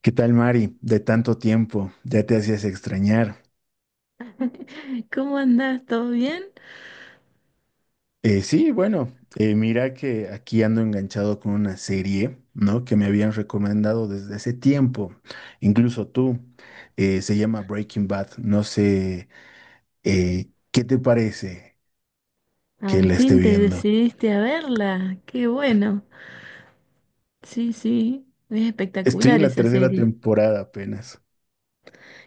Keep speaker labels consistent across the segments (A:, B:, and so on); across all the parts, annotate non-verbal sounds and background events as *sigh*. A: ¿Qué tal, Mari? De tanto tiempo, ya te hacías extrañar.
B: *laughs* ¿Cómo andás? ¿Todo bien?
A: Sí, bueno, mira que aquí ando enganchado con una serie, ¿no? Que me habían recomendado desde hace tiempo, incluso tú. Se llama Breaking Bad. No sé, ¿qué te parece que
B: Al
A: la esté
B: fin te
A: viendo?
B: decidiste a verla. Qué bueno. Sí, sí, es
A: Estoy en
B: espectacular
A: la
B: esa
A: tercera
B: serie.
A: temporada apenas.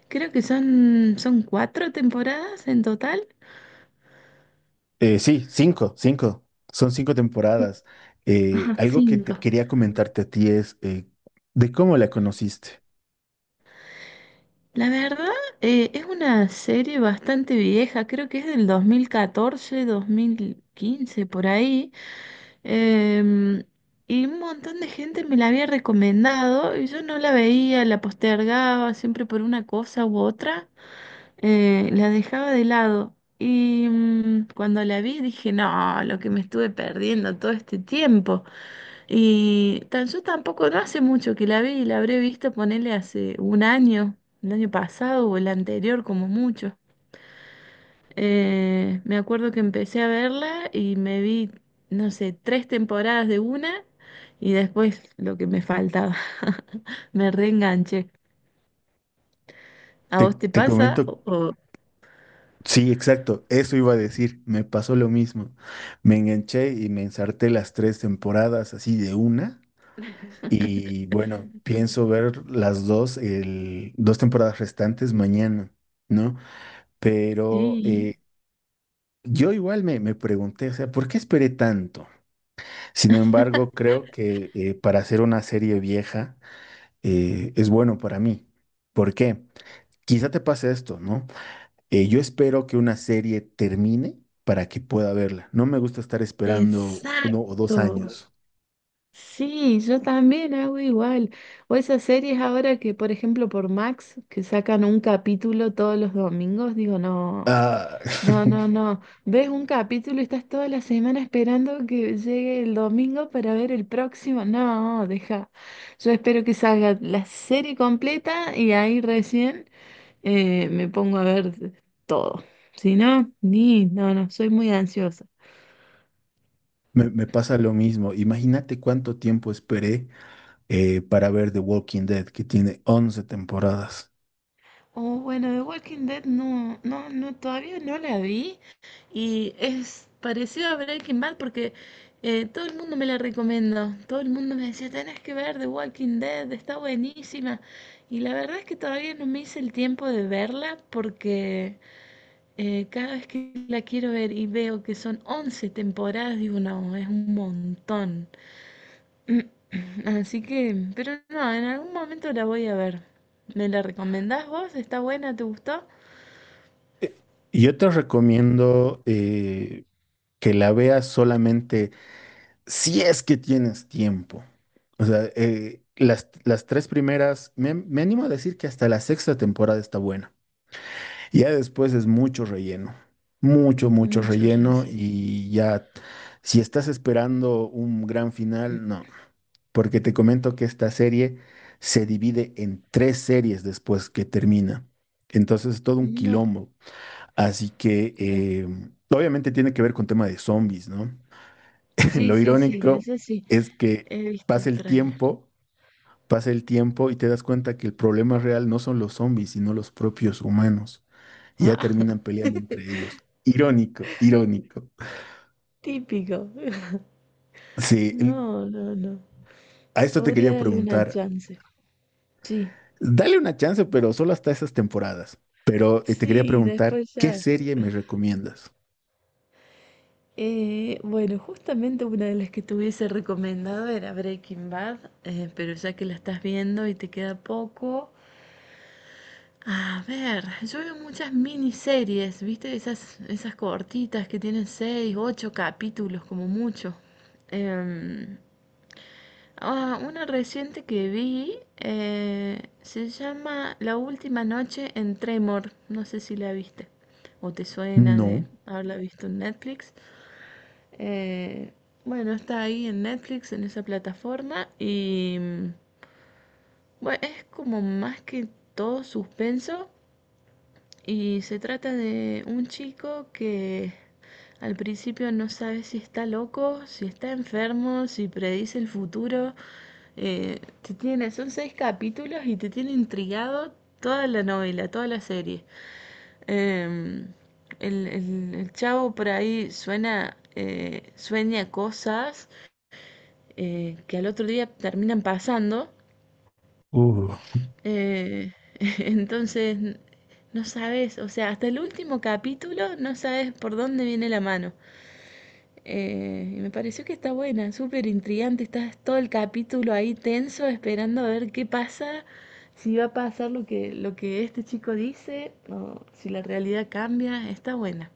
B: Creo que son cuatro temporadas en total.
A: Sí, cinco, cinco. Son cinco
B: Sí.
A: temporadas.
B: Ajá,
A: Algo que te
B: cinco.
A: quería comentarte a ti es de cómo la conociste.
B: La verdad, es una serie bastante vieja, creo que es del dos mil catorce, 2015 por ahí. Em, y un montón de gente me la había recomendado y yo no la veía, la postergaba siempre por una cosa u otra. La dejaba de lado. Cuando la vi dije, no, lo que me estuve perdiendo todo este tiempo. Yo tampoco, no hace mucho que la vi, y la habré visto ponerle hace un año, el año pasado o el anterior como mucho. Me acuerdo que empecé a verla y me vi, no sé, tres temporadas de una y después lo que me faltaba. *laughs* Me reenganché. ¿A
A: Te,
B: vos te
A: te
B: pasa?
A: comento, sí, exacto, eso iba a decir, me pasó lo mismo. Me enganché y me ensarté las tres temporadas así de una.
B: *laughs*
A: Y bueno, pienso ver las dos, dos temporadas restantes mañana, ¿no? Pero
B: Sí.
A: yo igual me pregunté, o sea, ¿por qué esperé tanto? Sin embargo, creo que para hacer una serie vieja es bueno para mí. ¿Por qué? Quizá te pase esto, ¿no? Yo espero que una serie termine para que pueda verla. No me gusta estar esperando uno o dos
B: Exacto.
A: años.
B: Sí, yo también hago igual. O esas series ahora que, por ejemplo, por Max, que sacan un capítulo todos los domingos, digo, no,
A: Ah,
B: no, no,
A: *laughs*
B: no. Ves un capítulo y estás toda la semana esperando que llegue el domingo para ver el próximo. No, deja. Yo espero que salga la serie completa y ahí recién me pongo a ver todo. Si no, ni, no, no, soy muy ansiosa.
A: me pasa lo mismo. Imagínate cuánto tiempo esperé para ver The Walking Dead, que tiene 11 temporadas.
B: Oh, bueno, The Walking Dead no, no, no, todavía no la vi y es parecido a Breaking Bad porque todo el mundo me la recomendó, todo el mundo me decía, tenés que ver The Walking Dead, está buenísima y la verdad es que todavía no me hice el tiempo de verla porque cada vez que la quiero ver y veo que son 11 temporadas, digo, no, es un montón. Así que, pero no, en algún momento la voy a ver. ¿Me la recomendás vos? ¿Está buena? ¿Te gustó?
A: Eh, Yo te recomiendo que la veas solamente si es que tienes tiempo. O sea, las tres primeras, me animo a decir que hasta la sexta temporada está buena. Y ya después es mucho relleno, mucho, mucho
B: Muchos
A: relleno
B: recelos.
A: y ya, si estás esperando un gran final, no, porque te comento que esta serie se divide en tres series después que termina. Entonces es todo un
B: No,
A: quilombo. Así que
B: claro.
A: obviamente tiene que ver con tema de zombies, ¿no? *laughs*
B: Sí,
A: Lo
B: sí, sí, de
A: irónico
B: ese sí.
A: es que
B: He visto
A: pasa el
B: tráiler.
A: tiempo, pasa el tiempo y te das cuenta que el problema real no son los zombies, sino los propios humanos y ya
B: Ah, *laughs*
A: terminan peleando entre ellos. Irónico, irónico.
B: típico. *laughs*
A: Sí, l-
B: No, no, no.
A: a esto te quería
B: Podría darle una
A: preguntar.
B: chance. Sí,
A: Dale una chance, pero solo hasta esas temporadas. Pero te quería
B: sí,
A: preguntar,
B: después
A: ¿qué
B: ya.
A: serie me recomiendas?
B: Bueno, justamente una de las que te hubiese recomendado era Breaking Bad, pero ya que la estás viendo y te queda poco, a ver, yo veo muchas miniseries, ¿viste? Esas cortitas que tienen seis, ocho capítulos como mucho. Em, una reciente que vi se llama La última noche en Tremor. No sé si la viste o te suena de
A: No.
B: haberla visto en Netflix. Eh, bueno, está ahí en Netflix, en esa plataforma bueno, es como más que todo suspenso. Y se trata de un chico que al principio no sabe si está loco, si está enfermo, si predice el futuro. Te tiene, son seis capítulos y te tiene intrigado toda la novela, toda la serie. Em, el chavo por ahí suena, sueña cosas que al otro día terminan pasando
A: Uh,
B: eh, *laughs* entonces, no sabes, o sea, hasta el último capítulo no sabes por dónde viene la mano. Y me pareció que está buena, súper intrigante, estás todo el capítulo ahí tenso esperando a ver qué pasa, si va a pasar lo que este chico dice o si la realidad cambia, está buena.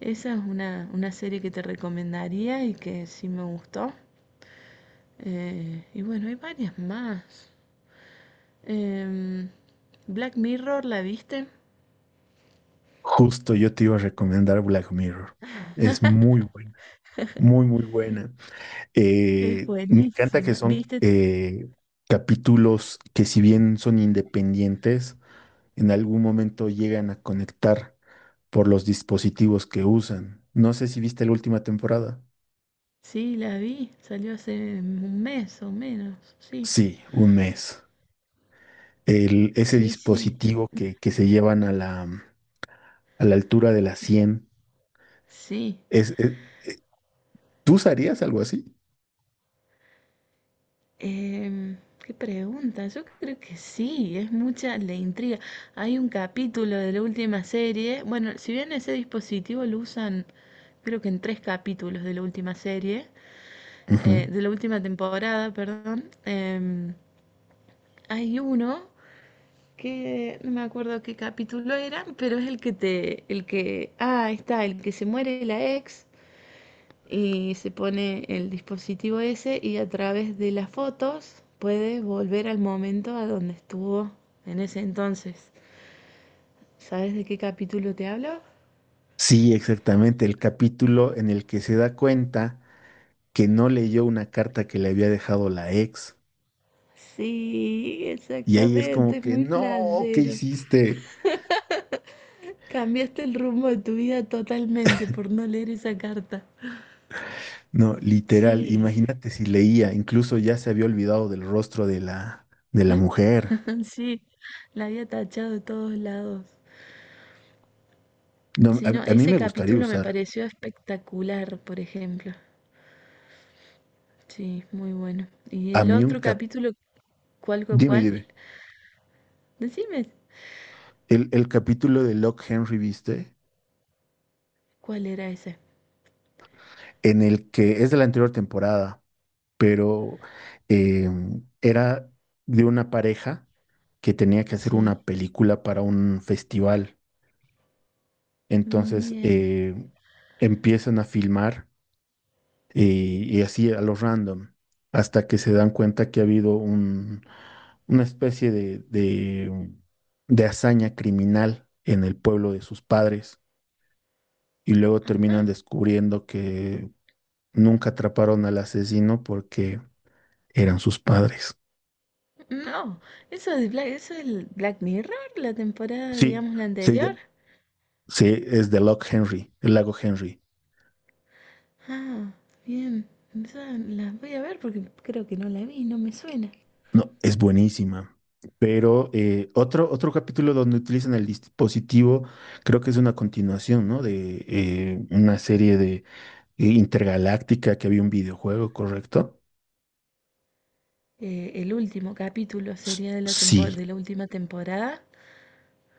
B: Esa es una serie que te recomendaría y que sí me gustó. Y bueno, hay varias más. Em, Black Mirror, ¿la viste?
A: justo yo te iba a recomendar Black Mirror. Es muy buena, muy, muy buena.
B: Es
A: Me encanta que
B: buenísima.
A: son
B: ¿Viste?
A: capítulos que si bien son independientes, en algún momento llegan a conectar por los dispositivos que usan. No sé si viste la última temporada.
B: Sí, la vi. Salió hace un mes o menos. Sí,
A: Sí, un mes. Ese
B: sí, sí.
A: dispositivo que se llevan a la altura de la
B: que se-
A: 100.
B: Sí.
A: Es, es- eh, ¿Tú usarías algo así?
B: Em, ¿Qué pregunta? Yo creo que sí. Es mucha la intriga. Hay un capítulo de la última serie. Bueno, si bien ese dispositivo lo usan, creo que en tres capítulos de la última serie,
A: Ujú.
B: de la última temporada, perdón. Hay uno. Que no me acuerdo qué capítulo eran, pero es el que te, el que, ah, ahí está, el que se muere la ex y se pone el dispositivo ese y a través de las fotos puede volver al momento a donde estuvo en ese entonces. ¿Sabes de qué capítulo te hablo?
A: Sí, exactamente. El capítulo en el que se da cuenta que no leyó una carta que le había dejado la ex.
B: Sí,
A: Y ahí es
B: exactamente,
A: como
B: es
A: que,
B: muy
A: no, ¿qué
B: flashero.
A: hiciste?
B: Cambiaste el rumbo de tu vida totalmente por no leer esa carta.
A: No, literal,
B: Sí,
A: imagínate si leía, incluso ya se había olvidado del rostro de la mujer.
B: *laughs* sí, la había tachado de todos lados.
A: No,
B: Sí, no,
A: a mí
B: ese
A: me gustaría
B: capítulo me
A: usar,
B: pareció espectacular, por ejemplo. Sí, muy bueno. Y
A: a
B: el
A: mí un
B: otro
A: cap...
B: capítulo, ¿cuál, cuál,
A: Dime,
B: cuál?
A: dime,
B: Decime,
A: el capítulo de Lock Henry, ¿viste?
B: ¿cuál era ese?
A: En el que es de la anterior temporada, pero eh, era de una pareja que tenía que hacer
B: Sí,
A: una película para un festival.
B: mm,
A: Entonces
B: bien.
A: empiezan a filmar y así a lo random, hasta que se dan cuenta que ha habido un, una especie de hazaña criminal en el pueblo de sus padres, y luego terminan
B: Ajá.
A: descubriendo que nunca atraparon al asesino porque eran sus padres.
B: No, eso es el Black Mirror, la temporada,
A: Sí,
B: digamos, la
A: sí, ya-
B: anterior.
A: sí, es de Lock Henry, el lago Henry.
B: Ah, bien. Esa la voy a ver porque creo que no la vi, no me suena.
A: No, es buenísima. Pero otro, otro capítulo donde utilizan el dispositivo, creo que es una continuación, ¿no? De una serie de intergaláctica que había un videojuego, ¿correcto?
B: El último capítulo sería de
A: Sí,
B: de la última temporada,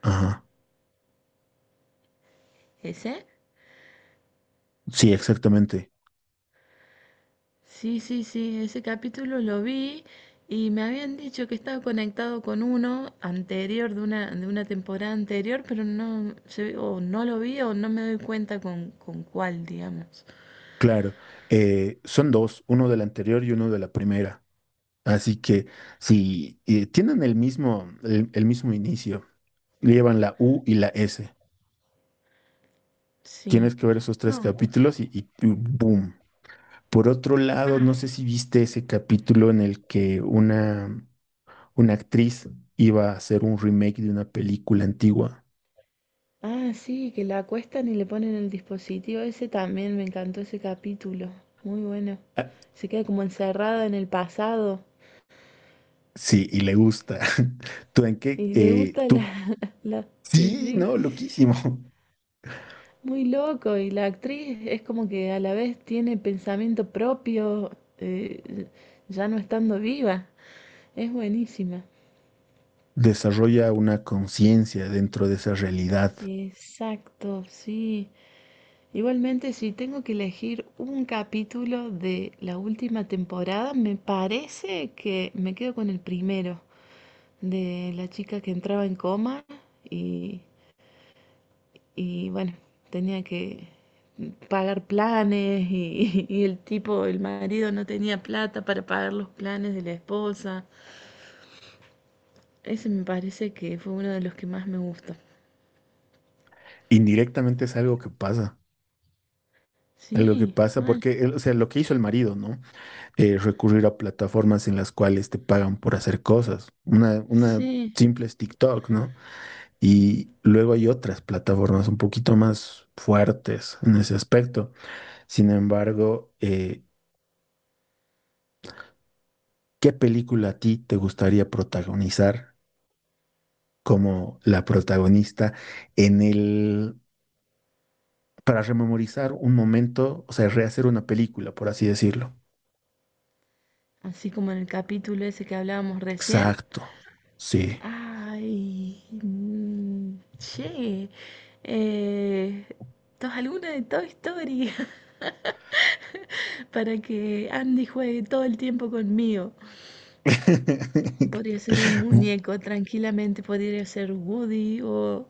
A: ajá.
B: ese.
A: Sí, exactamente.
B: Sí, sí, sí, ese capítulo lo vi y me habían dicho que estaba conectado con uno anterior, de una temporada anterior, pero no, o no lo vi o no me doy cuenta con cuál, digamos.
A: Claro. Son dos, uno de la anterior y uno de la primera. Así que si tienen el mismo, el mismo inicio, llevan la U y la S.
B: Sí.
A: Tienes que ver esos tres
B: No.
A: capítulos y ¡boom! Por otro lado, no sé si viste ese capítulo en el que una actriz iba a hacer un remake de una película antigua.
B: Ah, sí, que la acuestan y le ponen el dispositivo. Ese también me encantó ese capítulo. Muy bueno.
A: Ah,
B: Se queda como encerrada en el pasado
A: sí, y le gusta. *laughs* ¿Tú en qué?
B: y le gusta la,
A: Tú.
B: *laughs* la. Sí,
A: Sí,
B: sí.
A: no, loquísimo.
B: Muy loco, y la actriz es como que a la vez tiene pensamiento propio, eh, ya no estando viva. Es buenísima.
A: *laughs* Desarrolla una conciencia dentro de esa realidad.
B: Exacto, sí. Igualmente, si tengo que elegir un capítulo de la última temporada, me parece que me quedo con el primero, de la chica que entraba en coma y Y bueno, tenía que pagar planes y el tipo, el marido no tenía plata para pagar los planes de la esposa. Ese me parece que fue uno de los que más me gustó.
A: Indirectamente es algo que pasa. Algo que
B: Sí,
A: pasa
B: mal.
A: porque, o sea, lo que hizo el marido, ¿no? Recurrir a plataformas en las cuales te pagan por hacer cosas. Una
B: Sí,
A: simple es TikTok, ¿no? Y luego hay otras plataformas un poquito más fuertes en ese aspecto. Sin embargo, ¿qué película a ti te gustaría protagonizar como la protagonista en para rememorizar un momento, o sea, rehacer una película, por así decirlo?
B: así como en el capítulo ese que hablábamos recién.
A: Exacto, sí.
B: Ay, che, eh, ¿tos alguna de Toy Story? *laughs* Para que Andy juegue todo el tiempo conmigo. Podría ser un
A: *laughs*
B: muñeco, tranquilamente podría ser Woody o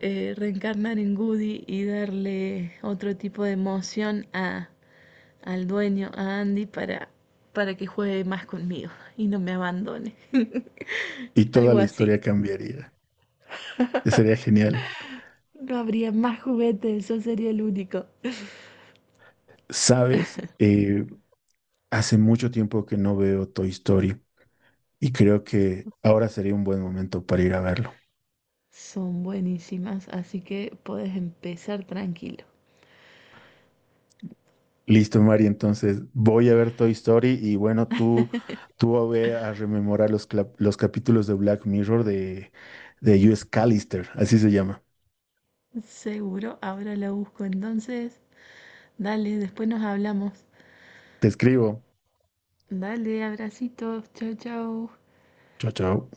B: reencarnar en Woody y darle otro tipo de emoción a, al dueño, a Andy, para que juegue más conmigo y no me abandone. *laughs*
A: Y toda
B: Algo
A: la
B: así.
A: historia cambiaría. Sería genial.
B: No habría más juguetes, eso sería el único.
A: ¿Sabes? Hace mucho tiempo que no veo Toy Story. Y creo que ahora sería un buen momento para ir a verlo.
B: Son buenísimas, así que puedes empezar tranquilo.
A: Listo, Mari, entonces voy a ver Toy Story y bueno, tú ve a rememorar los, los capítulos de Black Mirror de US Callister, así se llama.
B: Seguro, ahora la busco entonces. Dale, después nos hablamos.
A: Te escribo.
B: Dale, abracitos, chao, chao.
A: Chao, chao.